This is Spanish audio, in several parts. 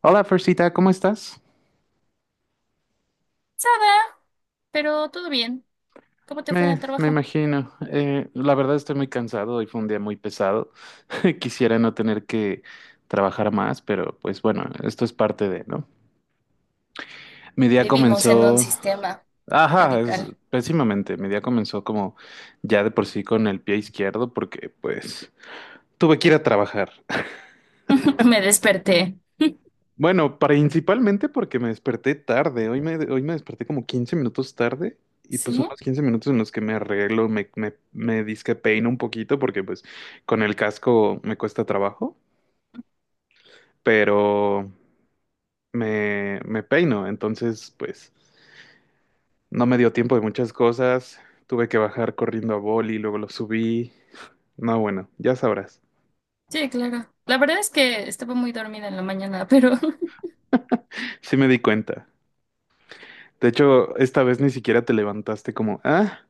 Hola, Fersita, ¿cómo estás? Sada, pero todo bien. ¿Cómo te fue en el Me trabajo? imagino. La verdad estoy muy cansado, hoy fue un día muy pesado. Quisiera no tener que trabajar más, pero pues bueno, esto es parte de, ¿no? Mi día Vivimos en un comenzó, sistema ajá, capital. pésimamente. Mi día comenzó como ya de por sí con el pie izquierdo porque pues tuve que ir a trabajar. Me desperté. Bueno, principalmente porque me desperté tarde. Hoy me desperté como 15 minutos tarde y pues ¿Sí? son los 15 minutos en los que me arreglo, me dizque peino un poquito porque pues con el casco me cuesta trabajo, pero me peino. Entonces pues no me dio tiempo de muchas cosas. Tuve que bajar corriendo a boli, luego lo subí. No, bueno, ya sabrás. Sí, claro. La verdad es que estaba muy dormida en la mañana, pero Sí me di cuenta. De hecho, esta vez ni siquiera te levantaste como, ah,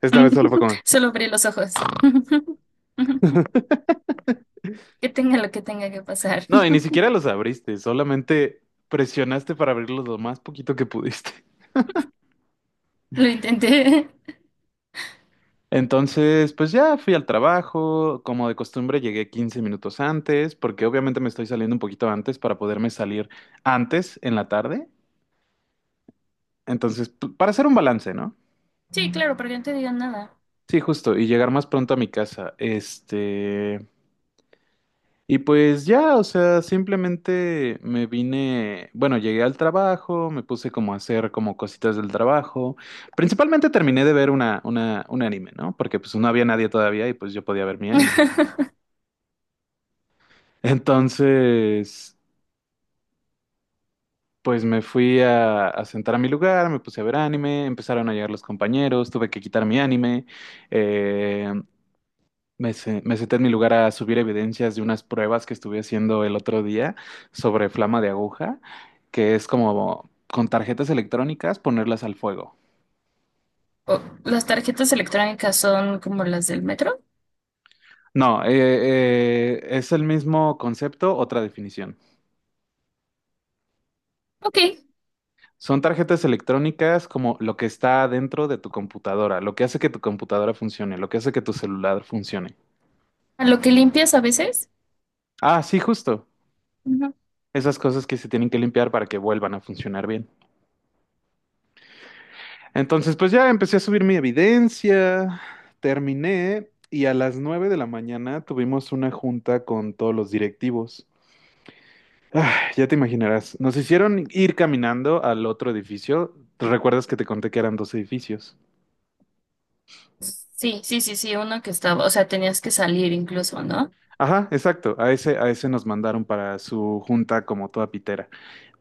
esta vez solo fue como... solo abrí los ojos. Que tenga lo que tenga que pasar. No, y ni siquiera los abriste, solamente presionaste para abrirlos lo más poquito que pudiste. Lo intenté. Entonces, pues ya fui al trabajo, como de costumbre llegué 15 minutos antes, porque obviamente me estoy saliendo un poquito antes para poderme salir antes en la tarde. Entonces, para hacer un balance, ¿no? Sí, claro, para que no te digan nada. Sí, justo, y llegar más pronto a mi casa. Y pues ya, o sea, simplemente me vine, bueno, llegué al trabajo, me puse como a hacer como cositas del trabajo. Principalmente terminé de ver un anime, ¿no? Porque pues no había nadie todavía y pues yo podía ver mi anime. Entonces, pues me fui a sentar a mi lugar, me puse a ver anime, empezaron a llegar los compañeros, tuve que quitar mi anime. eh, me senté en mi lugar a subir evidencias de unas pruebas que estuve haciendo el otro día sobre flama de aguja, que es como con tarjetas electrónicas ponerlas al fuego. Oh, ¿las tarjetas electrónicas son como las del metro? No, es el mismo concepto, otra definición. Ok. Son tarjetas electrónicas como lo que está dentro de tu computadora, lo que hace que tu computadora funcione, lo que hace que tu celular funcione. ¿A lo que limpias a veces? Ah, sí, justo. Esas cosas que se tienen que limpiar para que vuelvan a funcionar bien. Entonces, pues ya empecé a subir mi evidencia, terminé y a las 9 de la mañana tuvimos una junta con todos los directivos. Ya te imaginarás, nos hicieron ir caminando al otro edificio. ¿Te ¿Recuerdas que te conté que eran dos edificios? Sí, sí, sí, sí, uno que estaba, o sea, tenías que salir incluso, ¿no? Ajá, exacto. A ese nos mandaron para su junta como toda pitera.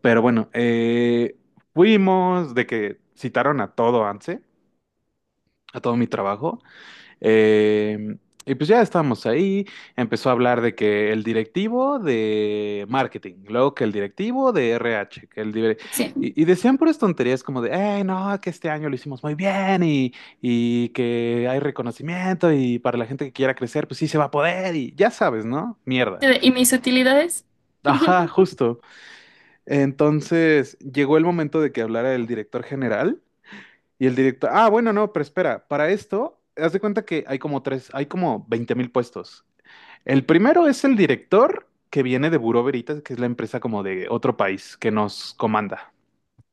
Pero bueno, fuimos de que citaron a todo ANSE, a todo mi trabajo. Eh, y pues ya estábamos ahí, empezó a hablar de que el directivo de marketing, luego que el directivo de RH, que el dire- Sí. Y decían puras tonterías como de, hey, no, que este año lo hicimos muy bien y que hay reconocimiento y para la gente que quiera crecer, pues sí se va a poder y ya sabes, ¿no? Mierda. ¿Y mis utilidades? Ajá, justo. Entonces llegó el momento de que hablara el director general y el director, bueno, no, pero espera, para esto, haz de cuenta que hay como tres, hay como 20,000 puestos. El primero es el director que viene de Buró Veritas, que es la empresa como de otro país que nos comanda.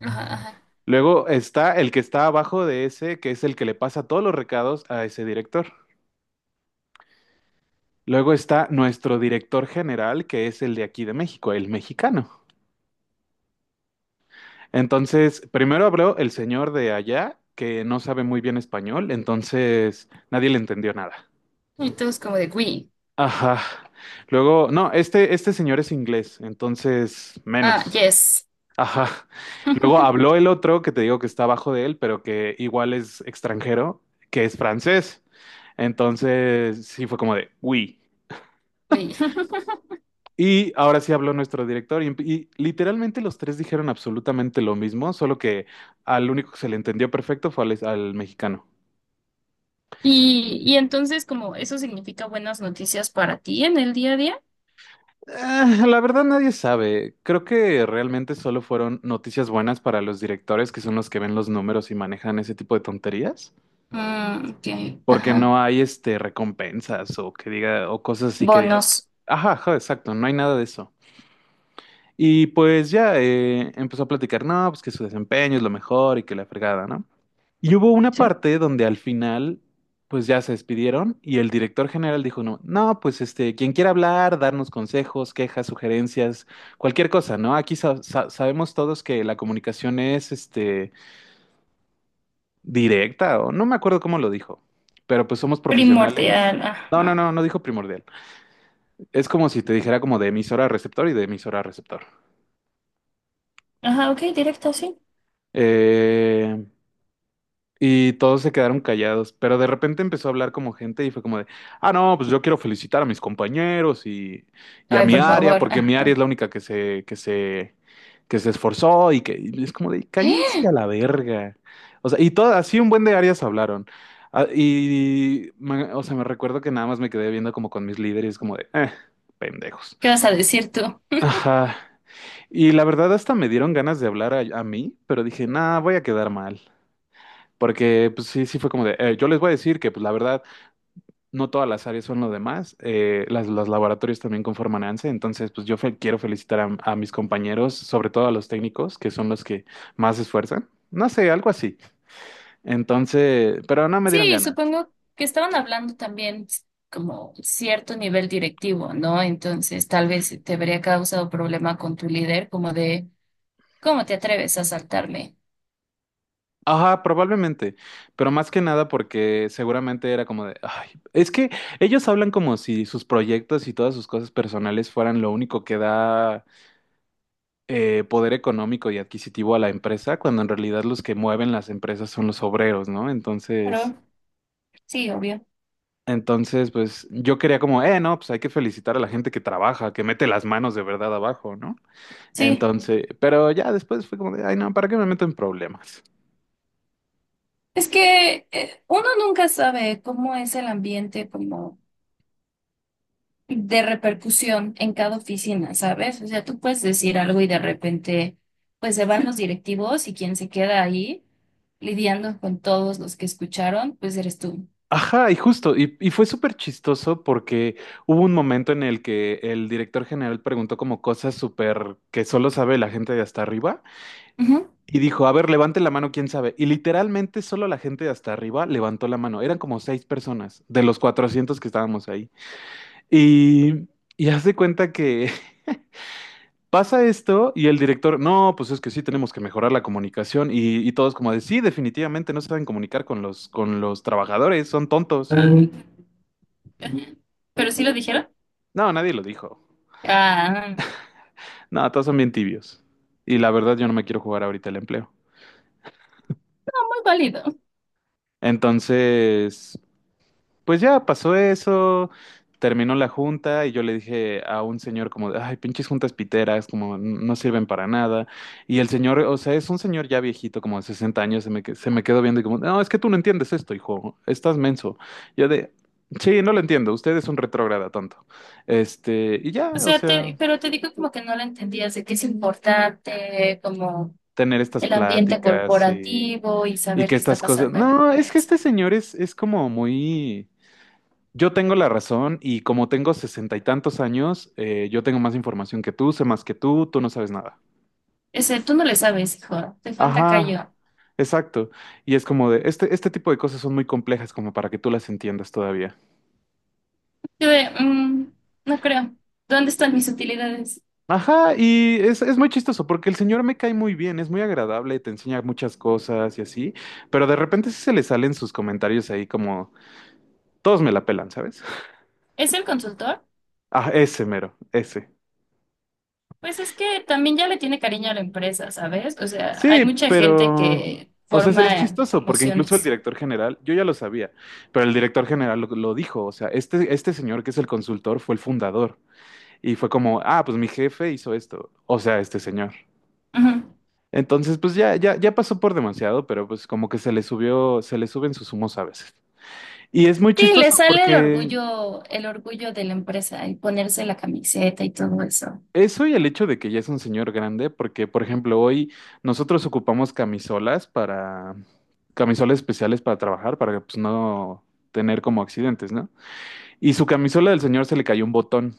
Ajá, ajá. Luego está el que está abajo de ese, que es el que le pasa todos los recados a ese director. Luego está nuestro director general, que es el de aquí de México, el mexicano. Entonces, primero habló el señor de allá, que no sabe muy bien español, entonces nadie le entendió nada. Y todos como de, oui. Ajá. Luego, no, este señor es inglés, entonces Ah, menos. yes. Ajá. Luego habló el otro que te digo que está abajo de él, pero que igual es extranjero, que es francés. Entonces, sí fue como de, uy. Oui. Y ahora sí habló nuestro director y literalmente los tres dijeron absolutamente lo mismo, solo que al único que se le entendió perfecto fue al mexicano. Y entonces como eso significa buenas noticias para ti en el día a día. Ah, la verdad nadie sabe. Creo que realmente solo fueron noticias buenas para los directores, que son los que ven los números y manejan ese tipo de tonterías, Mm, ok, porque ajá. no hay recompensas o que diga o cosas así que digas. Bonos. Ajá, ajá, exacto, no hay nada de eso. Y pues ya empezó a platicar, no, pues que su desempeño es lo mejor y que la fregada, ¿no? Y hubo una Sí. parte donde al final, pues ya se despidieron y el director general dijo, no, no, pues quien quiera hablar, darnos consejos, quejas, sugerencias, cualquier cosa, ¿no? Aquí sabemos todos que la comunicación es, directa o no me acuerdo cómo lo dijo, pero pues somos profesionales. Primordial, No, no, ajá. no, no dijo primordial. Es como si te dijera como de emisora a receptor y de emisora a receptor. Ajá, ok, directo, sí. Eh, Y todos se quedaron callados, pero de repente empezó a hablar como gente y fue como de, ah, no, pues yo quiero felicitar a mis compañeros y a Ay, mi por área, favor, porque mi área ajá. es la única que se esforzó y es como de, cállense a ¿Qué la verga. O sea, y todo, así un buen de áreas hablaron. Ah, o sea, me recuerdo que nada más me quedé viendo como con mis líderes, como de, pendejos. vas a decir tú? Ajá. Y la verdad hasta me dieron ganas de hablar a mí, pero dije, nah, voy a quedar mal. Porque pues sí, sí fue como de, yo les voy a decir que pues la verdad no todas las áreas son lo demás, los laboratorios también conforman ANSE, entonces pues yo quiero felicitar a mis compañeros, sobre todo a los técnicos, que son los que más se esfuerzan, no sé, algo así. Entonces, pero no me dieron Sí, ganas. supongo que estaban hablando también como cierto nivel directivo, ¿no? Entonces, tal vez te habría causado problema con tu líder, como de, ¿cómo te atreves a saltarme? Ajá, probablemente, pero más que nada porque seguramente era como de, ay, es que ellos hablan como si sus proyectos y todas sus cosas personales fueran lo único que da poder económico y adquisitivo a la empresa, cuando en realidad los que mueven las empresas son los obreros, ¿no? Entonces, Claro, sí, obvio. entonces, pues yo quería como, no, pues hay que felicitar a la gente que trabaja, que mete las manos de verdad abajo, ¿no? Sí, Entonces, pero ya después fue como de, ay, no, ¿para qué me meto en problemas? es que uno nunca sabe cómo es el ambiente como de repercusión en cada oficina, ¿sabes? O sea, tú puedes decir algo y de repente pues se van los directivos y quien se queda ahí lidiando con todos los que escucharon, pues eres tú. Ajá, y justo, y fue súper chistoso porque hubo un momento en el que el director general preguntó como cosas súper que solo sabe la gente de hasta arriba. Ujú. Y dijo, a ver, levante la mano, quién sabe. Y literalmente solo la gente de hasta arriba levantó la mano. Eran como seis personas de los 400 que estábamos ahí. Y, y haz de cuenta que pasa esto y el director, no, pues es que sí tenemos que mejorar la comunicación. Y todos como de, sí, definitivamente no saben comunicar con los, trabajadores, son tontos. Pero sí lo dijeron. No, nadie lo dijo. Ah, No, todos son bien tibios. Y la verdad yo no me quiero jugar ahorita el empleo. muy válido. Entonces, pues ya pasó eso, terminó la junta y yo le dije a un señor como, de, ay, pinches juntas piteras, como no sirven para nada. Y el señor, o sea, es un señor ya viejito, como de 60 años, se me quedó viendo y como, no, es que tú no entiendes esto, hijo, estás menso. Yo de, sí, no lo entiendo, usted es un retrógrada tonto. Y O ya, o sea, sea, te, pero te digo como que no lo entendías de que es importante, como tener estas el ambiente pláticas y, corporativo y y saber que qué está estas cosas, pasando en la no, es que este empresa. señor es como muy... Yo tengo la razón y como tengo sesenta y tantos años, yo tengo más información que tú, sé más que tú no sabes nada. Ese, tú no le sabes, hijo, te falta Ajá, callo. exacto. Y es como de, este tipo de cosas son muy complejas como para que tú las entiendas todavía. Yo de, "Mm, no creo. ¿Dónde están mis utilidades? Ajá, y es muy chistoso porque el señor me cae muy bien, es muy agradable, te enseña muchas cosas y así, pero de repente sí se le salen sus comentarios ahí como, todos me la pelan, ¿sabes? ¿Es el consultor? Ah, ese mero, ese. Pues es que también ya le tiene cariño a la empresa, ¿sabes? O sea, hay Sí, mucha gente pero, que o sea, es forma chistoso porque incluso el emociones. director general, yo ya lo sabía, pero el director general lo dijo, o sea, este señor que es el consultor fue el fundador y fue como, ah, pues mi jefe hizo esto, o sea, este señor. Entonces, pues ya pasó por demasiado, pero pues como que se le subió, se le suben sus humos a veces. Y es muy Sí, le chistoso sale porque el orgullo de la empresa, el ponerse la camiseta y todo eso. eso y el hecho de que ya es un señor grande, porque por ejemplo hoy nosotros ocupamos camisolas especiales para trabajar, para pues, no tener como accidentes, ¿no? Y su camisola del señor se le cayó un botón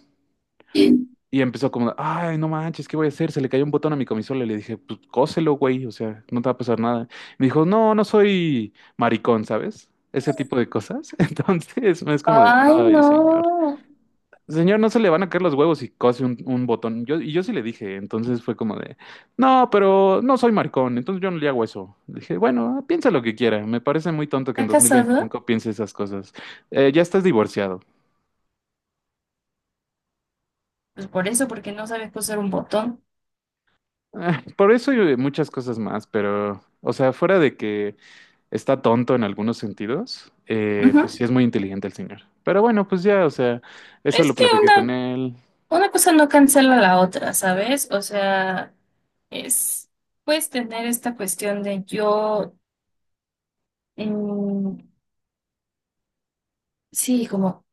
y empezó como, ay, no manches, ¿qué voy a hacer? Se le cayó un botón a mi camisola y le dije, pues cóselo, güey, o sea, no te va a pasar nada. Me dijo, no, no soy maricón, ¿sabes? Ese tipo de cosas. Entonces es como de, Ay, ay, señor. no. Señor, no se le van a caer los huevos y cose un botón. Y yo sí le dije, entonces fue como de, no, pero no soy maricón, entonces yo no le hago eso. Le dije, bueno, piensa lo que quiera, me parece muy tonto que en ¿Está casada? 2025 piense esas cosas. Ya estás divorciado. Pues por eso, porque no sabe coser un botón. Ah, por eso y muchas cosas más, pero, o sea, fuera de que está tonto en algunos sentidos, pues sí Ujú. es muy inteligente el señor. Pero bueno, pues ya, o sea, eso Es lo que platiqué con él. una cosa no cancela la otra, ¿sabes? O sea, es, puedes tener esta cuestión de yo, mm, sí, como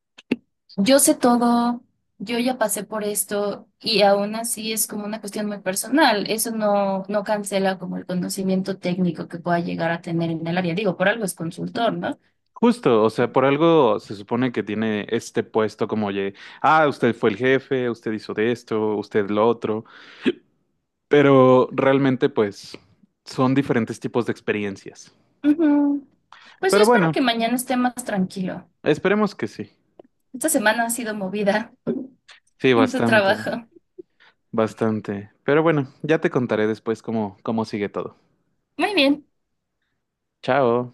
yo sé todo, yo ya pasé por esto y aún así es como una cuestión muy personal. Eso no, no cancela como el conocimiento técnico que pueda llegar a tener en el área. Digo, por algo es consultor, ¿no? Justo, o sea, por algo se supone que tiene este puesto como, oye, usted fue el jefe, usted hizo de esto, usted lo otro, pero realmente pues son diferentes tipos de experiencias. Ujú. Pues yo Pero espero bueno, que mañana esté más tranquilo. esperemos que sí. Esta semana ha sido movida Sí, en tu bastante, trabajo. bastante. Pero bueno, ya te contaré después cómo sigue todo. Muy bien. Chao.